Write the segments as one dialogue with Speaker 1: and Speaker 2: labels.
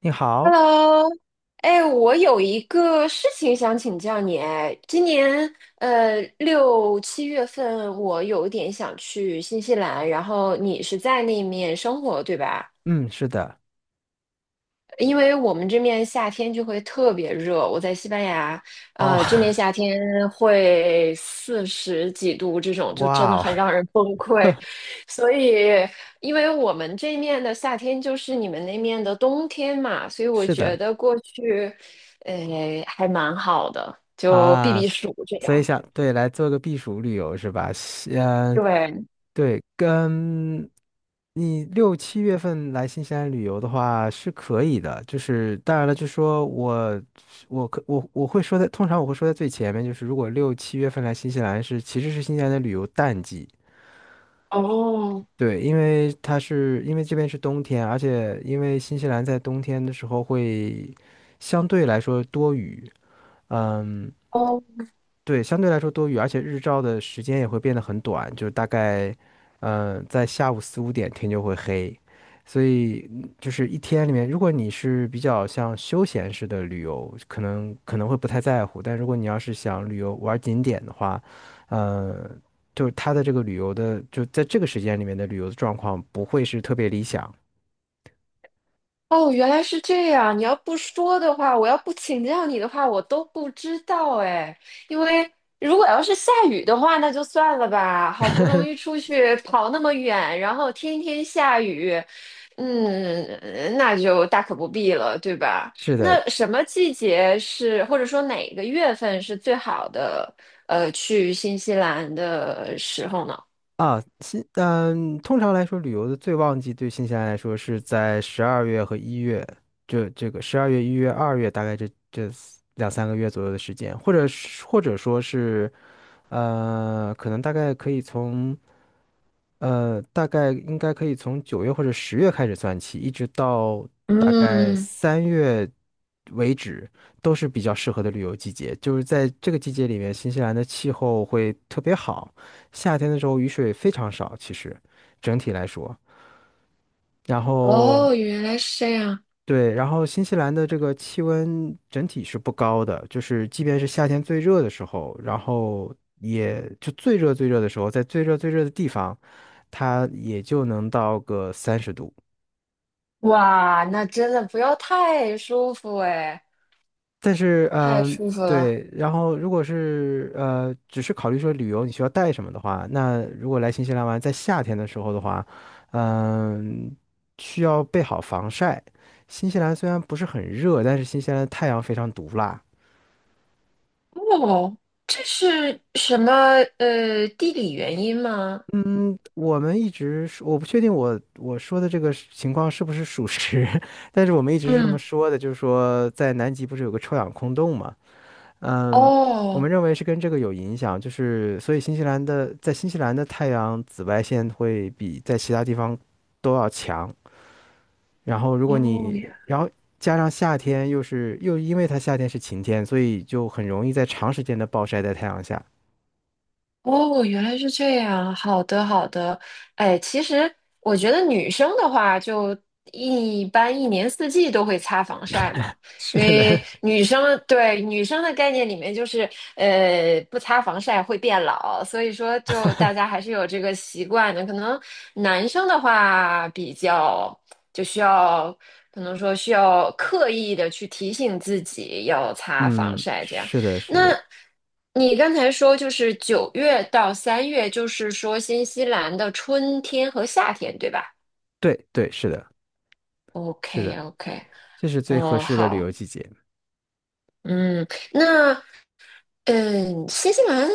Speaker 1: 你好，
Speaker 2: Hello，哎，我有一个事情想请教你。哎，今年6、7月份，我有点想去新西兰，然后你是在那面生活，对吧？
Speaker 1: 嗯，是的，
Speaker 2: 因为我们这面夏天就会特别热，我在西班牙，
Speaker 1: 哦，
Speaker 2: 这面夏 天会40几度，这种就真
Speaker 1: 哇
Speaker 2: 的
Speaker 1: 哦，
Speaker 2: 很让人崩溃。所以，因为我们这面的夏天就是你们那面的冬天嘛，所以我
Speaker 1: 是
Speaker 2: 觉
Speaker 1: 的
Speaker 2: 得过去，呃，还蛮好的，就避
Speaker 1: 啊，
Speaker 2: 避暑这
Speaker 1: 所以
Speaker 2: 样。
Speaker 1: 想，对，来做个避暑旅游是吧？
Speaker 2: 对，
Speaker 1: 对，跟你六七月份来新西兰旅游的话是可以的，就是当然了，就说我我可我我会说在，通常我会说在最前面，就是如果六七月份来新西兰其实是新西兰的旅游淡季，
Speaker 2: 哦，
Speaker 1: 对，因为因为这边是冬天，而且因为新西兰在冬天的时候会相对来说多雨，嗯，
Speaker 2: 哦
Speaker 1: 对，相对来说多雨，而且日照的时间也会变得很短，就是大概，在下午四五点天就会黑，所以就是一天里面，如果你是比较像休闲式的旅游，可能会不太在乎，但如果你要是想旅游玩景点的话，嗯，就是它的这个旅游的，就在这个时间里面的旅游的状况不会是特别理想。
Speaker 2: 哦，原来是这样。你要不说的话，我要不请教你的话，我都不知道哎。因为如果要是下雨的话，那就算了吧。好不容易出去跑那么远，然后天天下雨，嗯，那就大可不必了，对吧？
Speaker 1: 是的，
Speaker 2: 那什么季节是，或者说哪个月份是最好的，去新西兰的时候呢？
Speaker 1: 啊，通常来说，旅游的最旺季对新西兰来说是在十二月和一月，这个十二月、一月、二月，大概这四两三个月左右的时间，或者说是，可能大概可以从呃，大概应该可以从九月或者十月开始算起，一直到大概
Speaker 2: 嗯，
Speaker 1: 三月为止，都是比较适合的旅游季节。就是在这个季节里面，新西兰的气候会特别好，夏天的时候雨水非常少，其实整体来说。然后，
Speaker 2: 哦，原来是这样。
Speaker 1: 对，然后新西兰的这个气温整体是不高的，就是即便是夏天最热的时候，然后也就最热最热的时候，在最热最热的地方，它也就能到个三十度。
Speaker 2: 哇，那真的不要太舒服哎，
Speaker 1: 但是，
Speaker 2: 太舒服了。
Speaker 1: 对，然后如果是只是考虑说旅游你需要带什么的话，那如果来新西兰玩，在夏天的时候的话，嗯、需要备好防晒。新西兰虽然不是很热，但是新西兰的太阳非常毒辣。
Speaker 2: 哦，这是什么地理原因吗？
Speaker 1: 嗯，我们一直是我不确定我说的这个是情况是不是属实，但是我们一直是这么
Speaker 2: 嗯，
Speaker 1: 说的，就是说在南极不是有个臭氧空洞嘛？嗯，我
Speaker 2: 哦
Speaker 1: 们认为是跟这个有影响，就是所以新西兰的在新西兰的太阳紫外线会比在其他地方都要强，然后如果
Speaker 2: 哦，
Speaker 1: 你然后加上夏天又是又因为它夏天是晴天，所以就很容易在长时间的暴晒在太阳下。
Speaker 2: 哦，原来是这样。好的，好的。哎，其实我觉得女生的话，就一般一年四季都会擦防晒嘛，
Speaker 1: 是
Speaker 2: 因为
Speaker 1: 的，
Speaker 2: 女生对女生的概念里面就是，不擦防晒会变老，所以说就大家还是有这个习惯的。可能男生的话比较就需要，可能说需要刻意的去提醒自己要 擦防
Speaker 1: 嗯，
Speaker 2: 晒这样。
Speaker 1: 是的，是
Speaker 2: 那
Speaker 1: 的，
Speaker 2: 你刚才说就是9月到3月，就是说新西兰的春天和夏天，对吧
Speaker 1: 对对是的。是
Speaker 2: ？OK
Speaker 1: 的，
Speaker 2: OK，
Speaker 1: 这是最合
Speaker 2: 哦，
Speaker 1: 适的旅
Speaker 2: 好，
Speaker 1: 游季节。
Speaker 2: 嗯，那新西兰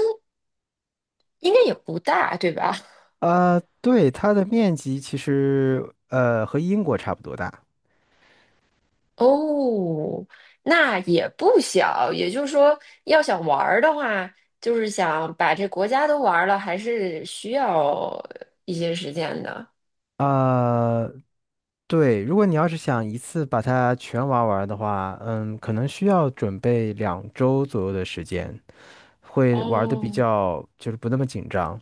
Speaker 2: 应该也不大，对吧？
Speaker 1: 啊、对，它的面积其实和英国差不多大。
Speaker 2: 哦，那也不小，也就是说，要想玩儿的话，就是想把这国家都玩儿了，还是需要一些时间的。
Speaker 1: 啊、对，如果你要是想一次把它全玩完的话，可能需要准备两周左右的时间，会玩的比
Speaker 2: 哦，
Speaker 1: 较就是不那么紧张。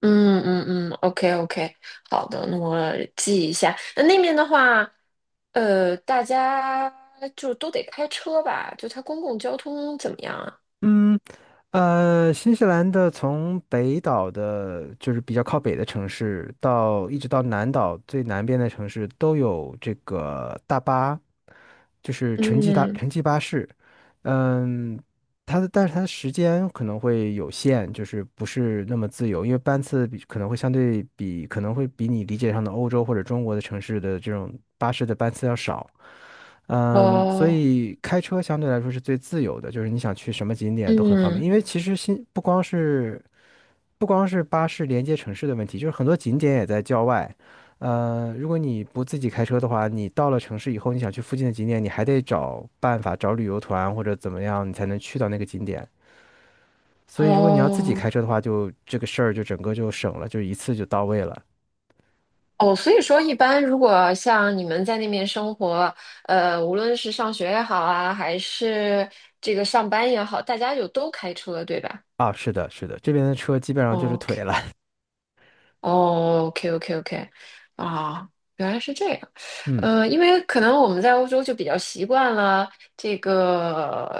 Speaker 2: 嗯嗯嗯，OK OK，好的，那我记一下。那那边的话，大家就都得开车吧？就它公共交通怎么样啊？
Speaker 1: 嗯，新西兰的从北岛的，就是比较靠北的城市，一直到南岛最南边的城市，都有这个大巴，就是城际大
Speaker 2: 嗯，
Speaker 1: 城际巴士。嗯，但是它的时间可能会有限，就是不是那么自由，因为班次比可能会相对比可能会比你理解上的欧洲或者中国的城市的这种巴士的班次要少。嗯，所
Speaker 2: 哦，
Speaker 1: 以开车相对来说是最自由的，就是你想去什么景点都很方便。
Speaker 2: 嗯，
Speaker 1: 因为其实新不光是不光是巴士连接城市的问题，就是很多景点也在郊外。如果你不自己开车的话，你到了城市以后，你想去附近的景点，你还得找办法找旅游团或者怎么样，你才能去到那个景点。所以如果你要自己
Speaker 2: 哦，
Speaker 1: 开车的话，就这个事儿就整个就省了，就一次就到位了。
Speaker 2: 哦，所以说，一般如果像你们在那边生活，无论是上学也好啊，还是这个上班也好，大家就都开车，对吧
Speaker 1: 啊，是的，是的，这边的车基本
Speaker 2: 哦
Speaker 1: 上就是腿
Speaker 2: ？OK。
Speaker 1: 了。
Speaker 2: 哦，OK OK OK，啊，原来是这样，
Speaker 1: 嗯
Speaker 2: 因为可能我们在欧洲就比较习惯了这个，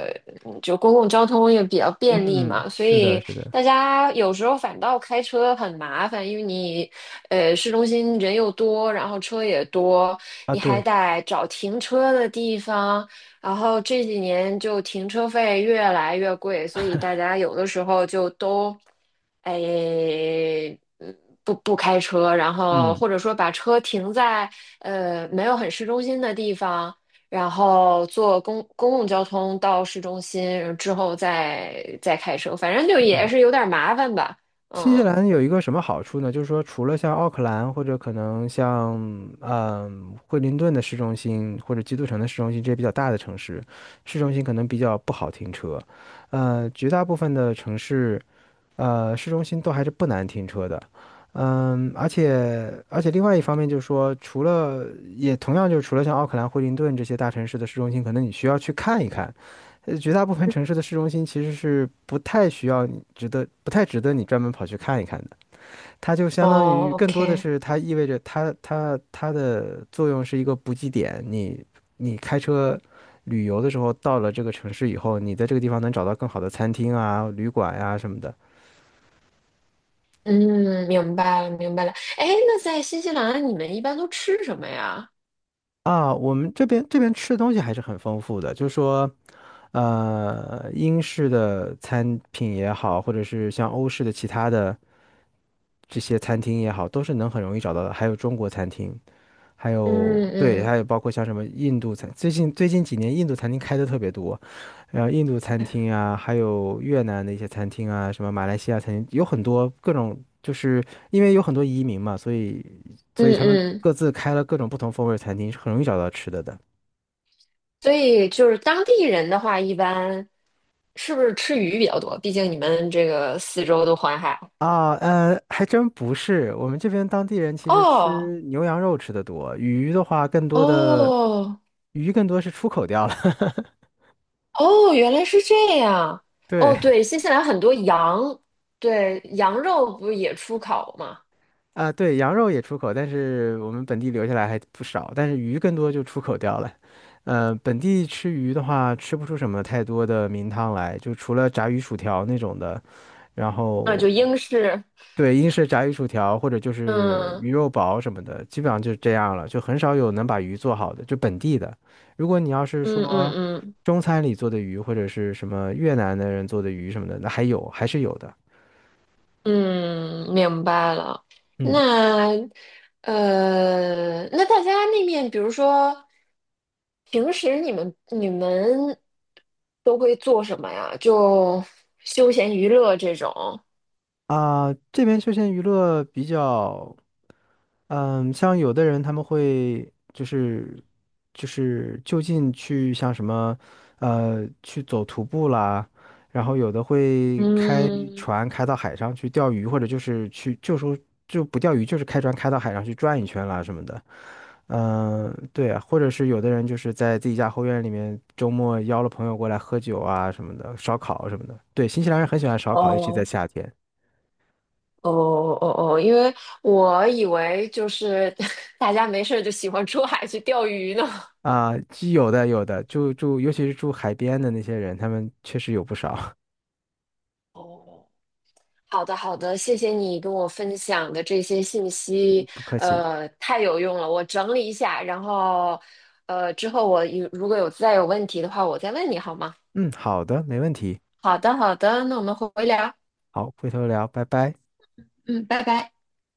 Speaker 2: 就公共交通也比较便利
Speaker 1: 嗯，
Speaker 2: 嘛，所
Speaker 1: 是的，
Speaker 2: 以
Speaker 1: 是的，
Speaker 2: 大家有时候反倒开车很麻烦，因为你，市中心人又多，然后车也多，
Speaker 1: 啊，
Speaker 2: 你还
Speaker 1: 对。
Speaker 2: 得找停车的地方，然后这几年就停车费越来越贵，所以大家有的时候就都，哎，嗯不开车，然后
Speaker 1: 嗯。
Speaker 2: 或者说把车停在没有很市中心的地方，然后坐公共交通到市中心之后再开车，反正就也
Speaker 1: 嗯，
Speaker 2: 是有点麻烦吧，
Speaker 1: 新西
Speaker 2: 嗯。
Speaker 1: 兰有一个什么好处呢？就是说，除了像奥克兰或者可能像惠灵顿的市中心或者基督城的市中心这些比较大的城市，市中心可能比较不好停车。绝大部分的城市，市中心都还是不难停车的。嗯，而且另外一方面就是说，除了也同样就是除了像奥克兰、惠灵顿这些大城市的市中心，可能你需要去看一看。绝大部分城市的市中心其实是不太需要你值得，不太值得你专门跑去看一看的。它就相当
Speaker 2: 哦
Speaker 1: 于更多的
Speaker 2: ，OK，
Speaker 1: 是它意味着它的作用是一个补给点。你开车旅游的时候到了这个城市以后，你在这个地方能找到更好的餐厅啊、旅馆呀、什么的
Speaker 2: 嗯，明白了，明白了。哎，那在新西兰你们一般都吃什么呀？
Speaker 1: 啊。我们这边吃的东西还是很丰富的，就是说英式的餐品也好，或者是像欧式的其他的这些餐厅也好，都是能很容易找到的。还有中国餐厅，还
Speaker 2: 嗯
Speaker 1: 有对，
Speaker 2: 嗯
Speaker 1: 还有包括像什么印度餐，最近几年印度餐厅开的特别多，然后印度餐厅啊，还有越南的一些餐厅啊，什么马来西亚餐厅，有很多各种，就是因为有很多移民嘛，所以所
Speaker 2: 嗯
Speaker 1: 以他们
Speaker 2: 嗯，
Speaker 1: 各自开了各种不同风味儿的餐厅，是很容易找到吃的的。
Speaker 2: 所以就是当地人的话，一般是不是吃鱼比较多？毕竟你们这个四周都环海。
Speaker 1: 啊，还真不是。我们这边当地人其实
Speaker 2: 哦
Speaker 1: 吃牛羊肉吃的多，
Speaker 2: 哦
Speaker 1: 鱼更多是出口掉了。
Speaker 2: 哦，原来是这样。哦，
Speaker 1: 对。
Speaker 2: 对，新西兰很多羊，对，羊肉不是也出口吗？
Speaker 1: 啊，对，羊肉也出口，但是我们本地留下来还不少，但是鱼更多就出口掉了。本地吃鱼的话，吃不出什么太多的名堂来，就除了炸鱼薯条那种的，然
Speaker 2: 啊，
Speaker 1: 后
Speaker 2: 就英式。
Speaker 1: 对，英式炸鱼薯条或者就是
Speaker 2: 嗯
Speaker 1: 鱼肉堡什么的，基本上就是这样了，就很少有能把鱼做好的，就本地的。如果你要是
Speaker 2: 嗯
Speaker 1: 说
Speaker 2: 嗯嗯。
Speaker 1: 中餐里做的鱼，或者是什么越南的人做的鱼什么的，那还有，还是有的。
Speaker 2: 嗯，明白了。
Speaker 1: 嗯。
Speaker 2: 那那大家那面，比如说平时你们都会做什么呀？就休闲娱乐这种。
Speaker 1: 啊，这边休闲娱乐比较，嗯，像有的人他们会就是就近去像什么，去走徒步啦，然后有的会开
Speaker 2: 嗯，
Speaker 1: 船开到海上去钓鱼，或者就是去就说就不钓鱼，就是开船开到海上去转一圈啦什么的。嗯，对啊，或者是有的人就是在自己家后院里面周末邀了朋友过来喝酒啊什么的，烧烤什么的。对，新西兰人很喜欢烧烤，尤其在
Speaker 2: 哦
Speaker 1: 夏天。
Speaker 2: 哦哦哦，因为我以为就是 大家没事儿就喜欢出海去钓鱼呢。
Speaker 1: 啊，有的有的，尤其是住海边的那些人，他们确实有不少。
Speaker 2: 哦好的，好的，谢谢你跟我分享的这些信息，
Speaker 1: 嗯，不客气。
Speaker 2: 太有用了。我整理一下，然后，之后如果有再有问题的话，我再问你好吗？
Speaker 1: 嗯，好的，没问题。
Speaker 2: 好的，好的，那我们回聊，
Speaker 1: 好，回头聊，拜拜。
Speaker 2: 嗯，拜拜。